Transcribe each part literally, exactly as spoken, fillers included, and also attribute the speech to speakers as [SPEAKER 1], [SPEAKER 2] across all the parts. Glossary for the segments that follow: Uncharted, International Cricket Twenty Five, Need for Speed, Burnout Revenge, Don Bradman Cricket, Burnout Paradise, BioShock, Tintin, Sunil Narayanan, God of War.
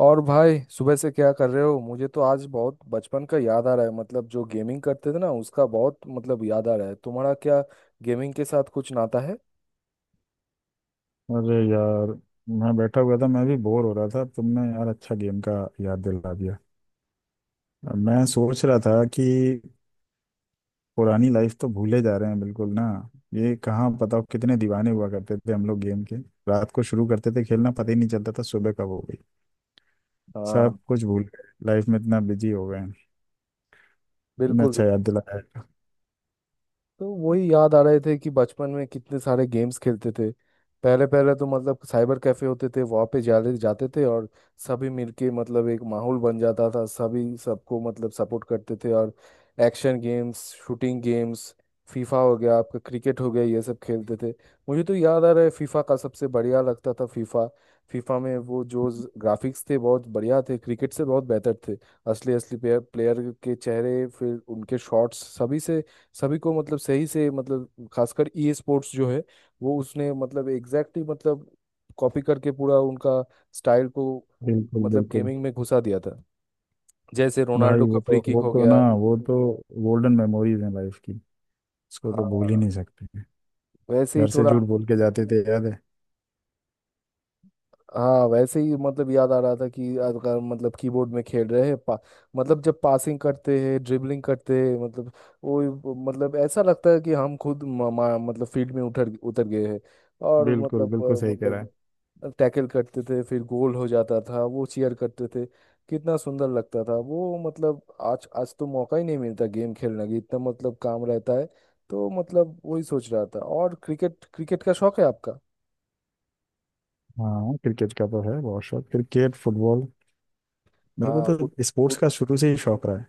[SPEAKER 1] और भाई सुबह से क्या कर रहे हो? मुझे तो आज बहुत बचपन का याद आ रहा है। मतलब जो गेमिंग करते थे ना उसका बहुत मतलब याद आ रहा है। तुम्हारा क्या गेमिंग के साथ कुछ नाता है?
[SPEAKER 2] अरे यार, मैं बैठा हुआ था। मैं भी बोर हो रहा था। तुमने यार अच्छा गेम का याद दिला दिया। मैं सोच रहा था कि पुरानी लाइफ तो भूले जा रहे हैं, बिल्कुल ना। ये कहाँ, बताओ कितने दीवाने हुआ करते थे हम लोग गेम के। रात को शुरू करते थे खेलना, पता ही नहीं चलता था सुबह कब हो गई। सब
[SPEAKER 1] हाँ।
[SPEAKER 2] कुछ भूल गए, लाइफ में इतना बिजी हो गए हैं। तुमने
[SPEAKER 1] बिल्कुल।
[SPEAKER 2] अच्छा याद दिलाया।
[SPEAKER 1] तो वही याद आ रहे थे कि बचपन में कितने सारे गेम्स खेलते थे। पहले पहले तो मतलब साइबर कैफे होते थे वहाँ पे जाले जाते थे। और सभी मिलके मतलब एक माहौल बन जाता था। सभी सबको मतलब सपोर्ट करते थे। और action games, shooting games, FIFA हो गया आपका, क्रिकेट हो गया, ये सब खेलते थे। मुझे तो याद आ रहा है, फीफा का सबसे बढ़िया लगता था। फीफा। फीफा में वो जो ग्राफिक्स थे बहुत बढ़िया थे, क्रिकेट से बहुत बेहतर थे। असली असली प्लेयर प्लेयर के चेहरे, फिर उनके शॉट्स, सभी से सभी को मतलब सही से, मतलब खासकर ई स्पोर्ट्स जो है वो उसने मतलब एग्जैक्टली मतलब कॉपी करके पूरा उनका स्टाइल को उ-
[SPEAKER 2] बिल्कुल
[SPEAKER 1] मतलब
[SPEAKER 2] बिल्कुल।
[SPEAKER 1] गेमिंग में घुसा दिया था। जैसे रोनाल्डो
[SPEAKER 2] भाई
[SPEAKER 1] का
[SPEAKER 2] वो तो
[SPEAKER 1] फ्री
[SPEAKER 2] वो
[SPEAKER 1] किक हो
[SPEAKER 2] तो ना
[SPEAKER 1] गया।
[SPEAKER 2] वो तो गोल्डन मेमोरीज हैं लाइफ की। उसको तो भूल ही
[SPEAKER 1] हाँ
[SPEAKER 2] नहीं सकते।
[SPEAKER 1] वैसे ही
[SPEAKER 2] घर से
[SPEAKER 1] थोड़ा।
[SPEAKER 2] झूठ बोल के जाते थे, याद है।
[SPEAKER 1] हाँ वैसे ही मतलब याद आ रहा था कि अगर मतलब कीबोर्ड में खेल रहे हैं पा, मतलब जब पासिंग करते हैं ड्रिबलिंग करते हैं, मतलब वो मतलब ऐसा लगता है कि हम खुद म, म, मतलब फील्ड में उतर उतर गए हैं। और
[SPEAKER 2] बिल्कुल
[SPEAKER 1] मतलब
[SPEAKER 2] बिल्कुल,
[SPEAKER 1] अ,
[SPEAKER 2] सही कह रहा है।
[SPEAKER 1] मतलब टैकल करते थे फिर गोल हो जाता था वो चीयर करते थे। कितना सुंदर लगता था वो। मतलब आज आज तो मौका ही नहीं मिलता गेम खेलने की, इतना मतलब काम रहता है। तो मतलब वही सोच रहा था। और क्रिकेट, क्रिकेट का शौक है आपका?
[SPEAKER 2] हाँ, क्रिकेट का तो है बहुत शौक, क्रिकेट फुटबॉल। मेरे को
[SPEAKER 1] हाँ। फुट-
[SPEAKER 2] तो स्पोर्ट्स
[SPEAKER 1] फुट-
[SPEAKER 2] का शुरू से ही शौक रहा है।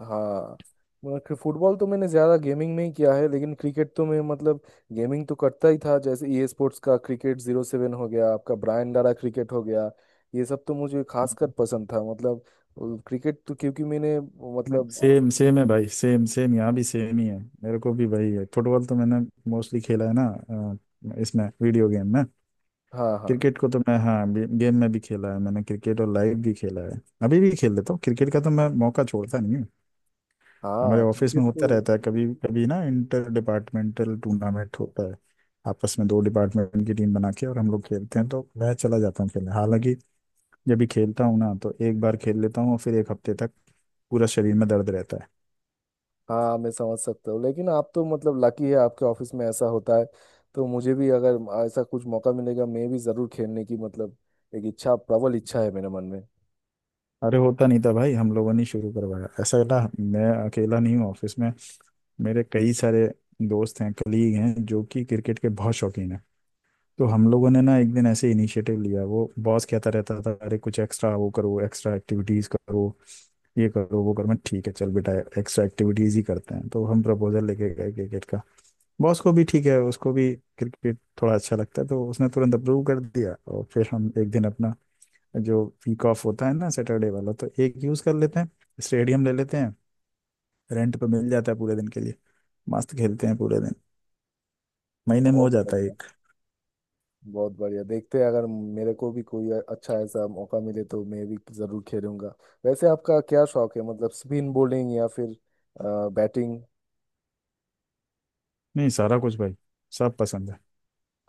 [SPEAKER 1] हाँ मतलब फुटबॉल तो मैंने ज्यादा गेमिंग में ही किया है, लेकिन क्रिकेट तो मैं मतलब गेमिंग तो करता ही था। जैसे ई स्पोर्ट्स का क्रिकेट जीरो सेवन हो गया आपका, ब्रायन डारा क्रिकेट हो गया, ये सब तो मुझे खासकर पसंद था। मतलब क्रिकेट तो क्योंकि मैंने मतलब
[SPEAKER 2] सेम सेम है भाई, सेम सेम, यहाँ भी सेम ही है। मेरे को भी वही है। फुटबॉल तो मैंने मोस्टली खेला है ना, अ, इसमें वीडियो गेम में।
[SPEAKER 1] हाँ। हाँ।
[SPEAKER 2] क्रिकेट को तो मैं, हाँ, गे, गेम में भी खेला है मैंने क्रिकेट, और लाइव भी खेला है, अभी भी खेल लेता हूँ। क्रिकेट का तो मैं मौका छोड़ता नहीं। हमारे
[SPEAKER 1] हाँ
[SPEAKER 2] ऑफिस
[SPEAKER 1] क्रिकेट
[SPEAKER 2] में
[SPEAKER 1] तो
[SPEAKER 2] होता रहता है कभी कभी ना, इंटर डिपार्टमेंटल टूर्नामेंट होता है। आपस में दो डिपार्टमेंट की टीम बना के और हम लोग खेलते हैं, तो मैं चला जाता हूँ खेलने। हालांकि जब भी खेलता हूँ ना तो एक बार खेल लेता हूँ, और फिर एक हफ्ते तक पूरा शरीर में दर्द रहता है।
[SPEAKER 1] हाँ। मैं समझ सकता हूँ, लेकिन आप तो मतलब लकी है आपके ऑफिस में ऐसा होता है। तो मुझे भी अगर ऐसा कुछ मौका मिलेगा मैं भी जरूर खेलने की मतलब एक इच्छा, प्रबल इच्छा है मेरे मन में।
[SPEAKER 2] अरे, होता नहीं था भाई, हम लोगों ने शुरू करवाया ऐसा ना। मैं अकेला नहीं हूँ ऑफिस में, मेरे कई सारे दोस्त हैं, कलीग हैं, जो कि क्रिकेट के बहुत शौकीन हैं। तो हम लोगों ने ना एक दिन ऐसे इनिशिएटिव लिया। वो बॉस कहता रहता था, अरे कुछ एक्स्ट्रा वो करो, एक्स्ट्रा एक्टिविटीज करो, ये करो वो करो। मैं, ठीक है चल बेटा, एक्स्ट्रा एक्टिविटीज ही करते हैं। तो हम प्रपोजल लेके गए क्रिकेट का। बॉस को भी, ठीक है, उसको भी क्रिकेट थोड़ा अच्छा लगता है, तो उसने तुरंत अप्रूव कर दिया। और फिर हम एक दिन अपना, जो वीक ऑफ होता है ना सैटरडे वाला, तो एक यूज कर लेते हैं। स्टेडियम ले लेते हैं, रेंट पे मिल जाता है पूरे दिन के लिए, मस्त खेलते हैं पूरे दिन। महीने में हो
[SPEAKER 1] बहुत
[SPEAKER 2] जाता है
[SPEAKER 1] बढ़िया।
[SPEAKER 2] एक।
[SPEAKER 1] बहुत बढ़िया। देखते हैं अगर मेरे को भी कोई अच्छा ऐसा मौका मिले तो मैं भी जरूर खेलूंगा। वैसे आपका क्या शौक है, मतलब स्पिन बॉलिंग या फिर बैटिंग?
[SPEAKER 2] नहीं, सारा कुछ भाई, सब पसंद है।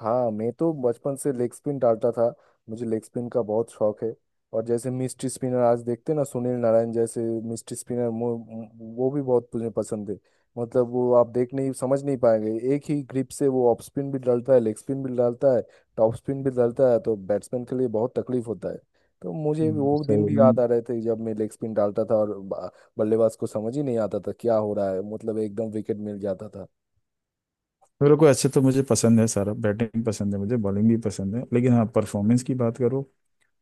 [SPEAKER 1] हाँ मैं तो बचपन से लेग स्पिन डालता था। मुझे लेग स्पिन का बहुत शौक है। और जैसे मिस्ट्री स्पिनर आज देखते हैं ना, सुनील नारायण जैसे मिस्ट्री स्पिनर, वो भी बहुत मुझे पसंद है। मतलब वो आप देख नहीं, समझ नहीं पाएंगे, एक ही ग्रिप से वो ऑफ स्पिन भी डालता है, लेग स्पिन भी डालता है, टॉप स्पिन भी डालता है। तो बैट्समैन के लिए बहुत तकलीफ होता है। तो मुझे
[SPEAKER 2] हम्म,
[SPEAKER 1] वो
[SPEAKER 2] सही
[SPEAKER 1] दिन भी याद आ
[SPEAKER 2] है।
[SPEAKER 1] रहे थे जब मैं लेग स्पिन डालता था और बा- बल्लेबाज को समझ ही नहीं आता था क्या हो रहा है, मतलब एकदम विकेट मिल जाता था।
[SPEAKER 2] मेरे को ऐसे तो, मुझे पसंद है सारा, बैटिंग पसंद है, मुझे बॉलिंग भी पसंद है। लेकिन हाँ, परफॉर्मेंस की बात करो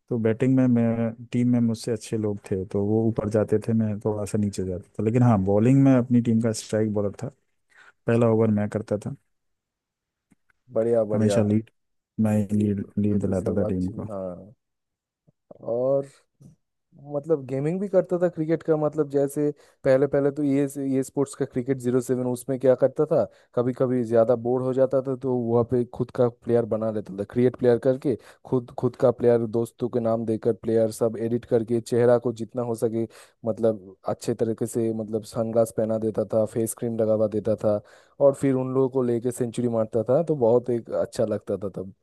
[SPEAKER 2] तो बैटिंग में मैं, टीम में मुझसे अच्छे लोग थे तो वो ऊपर जाते थे, मैं थोड़ा सा नीचे जाता था। लेकिन हाँ, बॉलिंग में अपनी टीम का स्ट्राइक बॉलर था। पहला ओवर मैं करता था,
[SPEAKER 1] बढ़िया।
[SPEAKER 2] हमेशा
[SPEAKER 1] बढ़िया।
[SPEAKER 2] लीड, मैं
[SPEAKER 1] ये
[SPEAKER 2] लीड
[SPEAKER 1] तो ये
[SPEAKER 2] लीड
[SPEAKER 1] तो
[SPEAKER 2] दिलाता
[SPEAKER 1] सब
[SPEAKER 2] था टीम
[SPEAKER 1] अच्छी
[SPEAKER 2] को।
[SPEAKER 1] हाँ। और मतलब गेमिंग भी करता था क्रिकेट का, मतलब जैसे पहले पहले तो ये ये स्पोर्ट्स का क्रिकेट जीरो सेवन, उसमें क्या करता था, कभी कभी ज्यादा बोर हो जाता था तो वहाँ पे खुद का प्लेयर बना लेता था, क्रिएट प्लेयर करके खुद खुद का प्लेयर दोस्तों के नाम देकर प्लेयर सब एडिट करके, चेहरा को जितना हो सके मतलब अच्छे तरीके से, मतलब सनग्लास पहना देता था, फेस क्रीम लगावा देता था और फिर उन लोगों को लेके सेंचुरी मारता था तो बहुत एक अच्छा लगता था तब।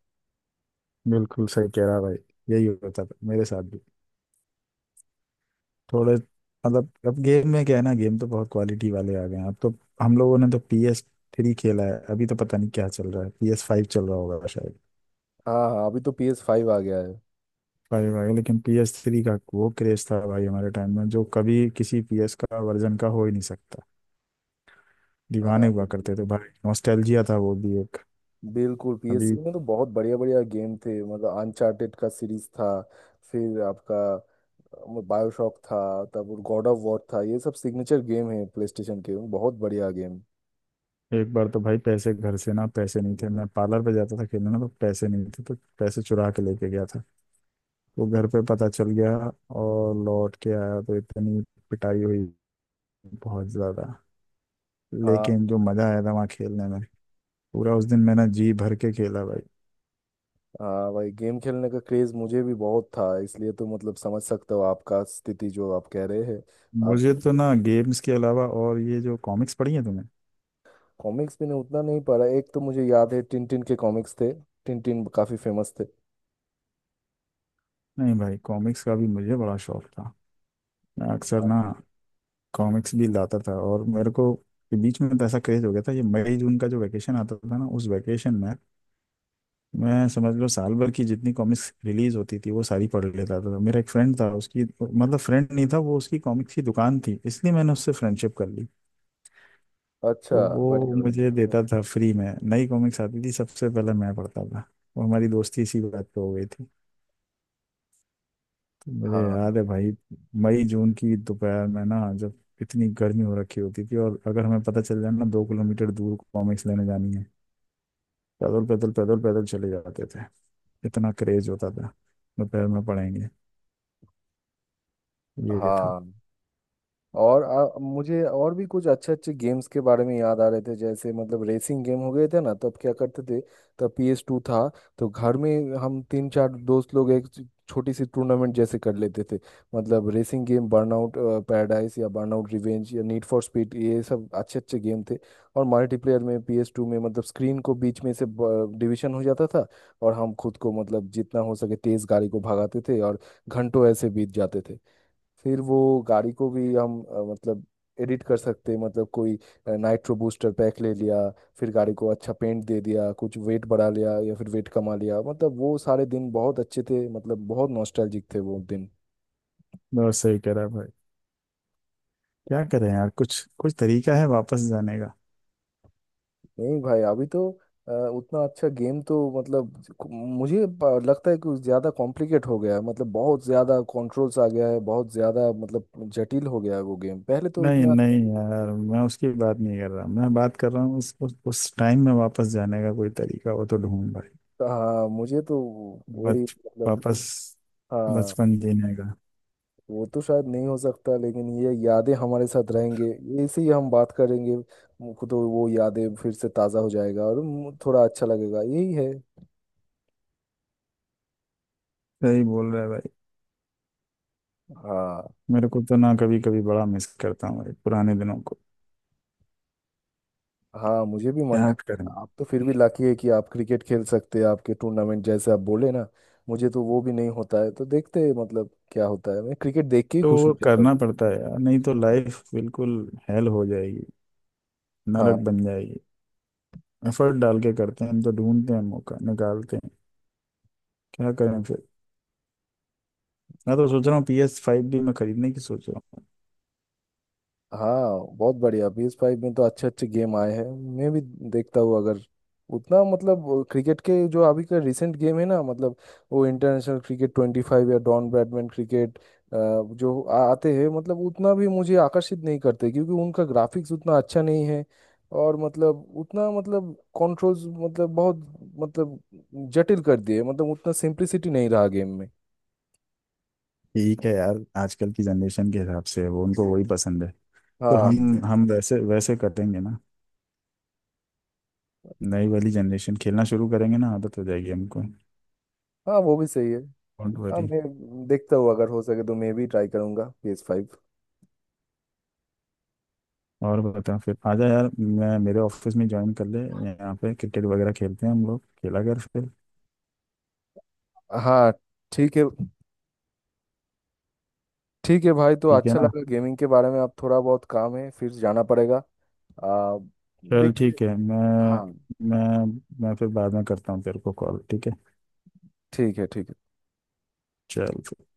[SPEAKER 2] बिल्कुल सही कह रहा भाई, यही होता था मेरे साथ भी। थोड़े मतलब, अब गेम में क्या है ना, गेम तो बहुत क्वालिटी वाले आ गए हैं अब तो। हम लोगों ने तो पी एस थ्री खेला है, अभी तो पता नहीं क्या चल रहा है, पी एस फाइव चल रहा होगा शायद।
[SPEAKER 1] हाँ हाँ, अभी तो पी एस फाइव आ गया है।
[SPEAKER 2] फाइव भाई। लेकिन पी एस थ्री का वो क्रेज था भाई हमारे टाइम में, जो कभी किसी पी एस का वर्जन का हो ही नहीं सकता।
[SPEAKER 1] हाँ
[SPEAKER 2] दीवाने हुआ करते
[SPEAKER 1] बिल्कुल।
[SPEAKER 2] थे भाई, नॉस्टैल्जिया था वो भी एक।
[SPEAKER 1] बिल्कुल पी एस
[SPEAKER 2] अभी
[SPEAKER 1] में तो बहुत बढ़िया बढ़िया गेम थे। मतलब अनचार्टेड का सीरीज था, फिर आपका बायोशॉक था, तब गॉड ऑफ वॉर था, ये सब सिग्नेचर गेम है प्ले स्टेशन के, बहुत बढ़िया गेम।
[SPEAKER 2] एक बार तो भाई, पैसे घर से ना, पैसे नहीं थे, मैं पार्लर पे जाता था खेलने ना, तो पैसे नहीं थे तो पैसे चुरा के लेके गया था। वो घर पे पता चल गया, और लौट के आया तो इतनी पिटाई हुई, बहुत ज्यादा।
[SPEAKER 1] हाँ।
[SPEAKER 2] लेकिन जो मजा आया था वहाँ खेलने में, पूरा उस दिन मैंने जी भर के खेला भाई।
[SPEAKER 1] हाँ भाई, गेम खेलने का क्रेज मुझे भी बहुत था, इसलिए तो मतलब समझ सकते हो आपका स्थिति जो आप कह रहे हैं। आप
[SPEAKER 2] मुझे तो ना गेम्स के अलावा, और ये जो कॉमिक्स पढ़ी है तुम्हें?
[SPEAKER 1] कॉमिक्स मैंने उतना नहीं पढ़ा, एक तो मुझे याद है टिन टिन के कॉमिक्स थे, टिन टिन काफी फेमस थे।
[SPEAKER 2] नहीं भाई, कॉमिक्स का भी मुझे बड़ा शौक था। मैं अक्सर ना
[SPEAKER 1] हाँ।
[SPEAKER 2] कॉमिक्स भी लाता था, और मेरे को के बीच में तो ऐसा क्रेज हो गया था, ये मई जून का जो वैकेशन आता था ना, उस वैकेशन में मैं, समझ लो, साल भर की जितनी कॉमिक्स रिलीज होती थी वो सारी पढ़ लेता था। मेरा एक फ्रेंड था, उसकी मतलब, फ्रेंड नहीं था वो, उसकी कॉमिक्स की दुकान थी, इसलिए मैंने उससे फ्रेंडशिप कर ली।
[SPEAKER 1] अच्छा।
[SPEAKER 2] तो वो
[SPEAKER 1] बढ़िया। बढ़िया।
[SPEAKER 2] मुझे देता था फ्री में, नई कॉमिक्स आती थी सबसे पहले मैं पढ़ता था, और हमारी दोस्ती इसी बात पे हो गई थी। तो मुझे
[SPEAKER 1] हाँ।
[SPEAKER 2] याद है भाई, मई जून की दोपहर में ना, जब इतनी गर्मी हो रखी होती थी, और अगर हमें पता चल जाए ना दो किलोमीटर दूर कॉमिक्स लेने जानी है, पैदल पैदल पैदल पैदल चले जाते थे। इतना क्रेज होता था, दोपहर में पढ़ेंगे, ये था।
[SPEAKER 1] हाँ और आ, मुझे और भी कुछ अच्छे अच्छे गेम्स के बारे में याद आ रहे थे जैसे मतलब रेसिंग गेम हो गए थे ना, तब क्या करते थे, तब PS2 टू था। तो घर में हम तीन चार दोस्त लोग एक छ- छोटी सी टूर्नामेंट जैसे कर लेते थे। मतलब रेसिंग गेम, बर्नआउट पैराडाइज या बर्नआउट रिवेंज या नीड फॉर स्पीड, ये सब अच्छे अच्छे गेम थे। और मल्टीप्लेयर में PS2 टू में मतलब स्क्रीन को बीच में से डिवीजन हो जाता था और हम खुद को मतलब जितना हो सके तेज गाड़ी को भगाते थे और घंटों ऐसे बीत जाते थे। फिर वो गाड़ी को भी हम अ, मतलब एडिट कर सकते हैं, मतलब कोई नाइट्रो बूस्टर पैक ले लिया, फिर गाड़ी को अच्छा पेंट दे दिया, कुछ वेट बढ़ा लिया या फिर वेट कमा लिया। मतलब वो सारे दिन बहुत अच्छे थे, मतलब बहुत नॉस्टैल्जिक थे वो दिन।
[SPEAKER 2] बहुत सही कह रहा है भाई, क्या करें यार, कुछ कुछ तरीका है वापस जाने का?
[SPEAKER 1] नहीं भाई अभी तो अ, उतना अच्छा गेम तो मतलब कु- मुझे प- लगता है कि ज़्यादा कॉम्प्लिकेट हो गया है, मतलब बहुत ज़्यादा कंट्रोल्स आ गया है, बहुत ज़्यादा मतलब जटिल हो गया है वो गेम। पहले तो
[SPEAKER 2] नहीं
[SPEAKER 1] इतना
[SPEAKER 2] नहीं यार, मैं उसकी बात नहीं कर रहा, मैं बात कर रहा हूँ उस उस, उस टाइम में वापस जाने का कोई तरीका हो तो ढूंढ भाई।
[SPEAKER 1] हाँ। मुझे तो वही
[SPEAKER 2] बच
[SPEAKER 1] मतलब
[SPEAKER 2] वापस
[SPEAKER 1] हाँ।
[SPEAKER 2] बचपन जीने का।
[SPEAKER 1] वो तो शायद नहीं हो सकता, लेकिन ये यादें हमारे साथ रहेंगे, ऐसे ही हम बात करेंगे। मुझको तो वो यादें फिर से ताज़ा हो जाएगा और मु- थोड़ा अच्छा लगेगा, यही है।
[SPEAKER 2] सही बोल रहा है भाई।
[SPEAKER 1] हाँ।
[SPEAKER 2] मेरे को तो ना कभी कभी बड़ा मिस करता हूँ भाई पुराने दिनों को।
[SPEAKER 1] हाँ मुझे भी मन
[SPEAKER 2] क्या
[SPEAKER 1] कर।
[SPEAKER 2] करें,
[SPEAKER 1] आप तो फिर भी लाकी है कि आप क्रिकेट खेल सकते हैं आपके टूर्नामेंट जैसे आप बोले ना। मुझे तो वो भी नहीं होता है, तो देखते हैं मतलब क्या होता है, मैं क्रिकेट देख के ही
[SPEAKER 2] तो
[SPEAKER 1] खुश हो
[SPEAKER 2] वो
[SPEAKER 1] जाता हूँ।
[SPEAKER 2] करना पड़ता है यार, नहीं तो
[SPEAKER 1] हाँ।
[SPEAKER 2] लाइफ बिल्कुल हेल हो जाएगी,
[SPEAKER 1] हाँ,
[SPEAKER 2] नरक बन जाएगी। एफर्ट डाल के करते हैं हम, तो ढूंढते हैं, मौका निकालते हैं। क्या करें फिर, मैं तो सोच रहा हूँ पी एस फाइव भी मैं खरीदने की सोच रहा हूँ।
[SPEAKER 1] हाँ बहुत बढ़िया, पी एस फाइव में तो अच्छे अच्छे गेम आए हैं। मैं भी देखता हूँ अगर उतना मतलब क्रिकेट के जो अभी का रिसेंट गेम है ना, मतलब वो इंटरनेशनल क्रिकेट ट्वेंटी फाइव या डॉन ब्रैडमैन क्रिकेट जो आ- आते हैं, मतलब उतना भी मुझे आकर्षित नहीं करते क्योंकि उनका ग्राफिक्स उतना अच्छा नहीं है। और मतलब उतना मतलब कंट्रोल्स मतलब बहुत मतलब जटिल कर दिए, मतलब उतना सिंप्लिसिटी नहीं रहा गेम में।
[SPEAKER 2] ठीक है यार, आजकल की जनरेशन के हिसाब से वो, उनको वही पसंद है। तो
[SPEAKER 1] हाँ।
[SPEAKER 2] हम हम वैसे वैसे करेंगे ना, नई वाली जनरेशन खेलना शुरू करेंगे ना, आदत हो जाएगी हमको।
[SPEAKER 1] हाँ वो भी सही है।
[SPEAKER 2] डोंट
[SPEAKER 1] हाँ
[SPEAKER 2] वरी।
[SPEAKER 1] मैं देखता हूँ अगर हो सके तो मैं भी ट्राई करूंगा पी एस फाइव।
[SPEAKER 2] और बता, फिर आजा यार, मैं मेरे ऑफिस में ज्वाइन कर ले, यहाँ पे क्रिकेट वगैरह खेलते हैं हम लोग, खेला कर फिर।
[SPEAKER 1] हाँ। ठीक है। ठीक है भाई तो
[SPEAKER 2] ठीक है
[SPEAKER 1] अच्छा
[SPEAKER 2] ना?
[SPEAKER 1] लगा गेमिंग के बारे में। अब थोड़ा बहुत काम है फिर जाना पड़ेगा। आ,
[SPEAKER 2] चल,
[SPEAKER 1] देखते
[SPEAKER 2] ठीक है। मैं
[SPEAKER 1] हाँ।
[SPEAKER 2] मैं मैं फिर बाद में करता हूँ तेरे को कॉल, ठीक है?
[SPEAKER 1] ठीक है ठीक है।
[SPEAKER 2] चल।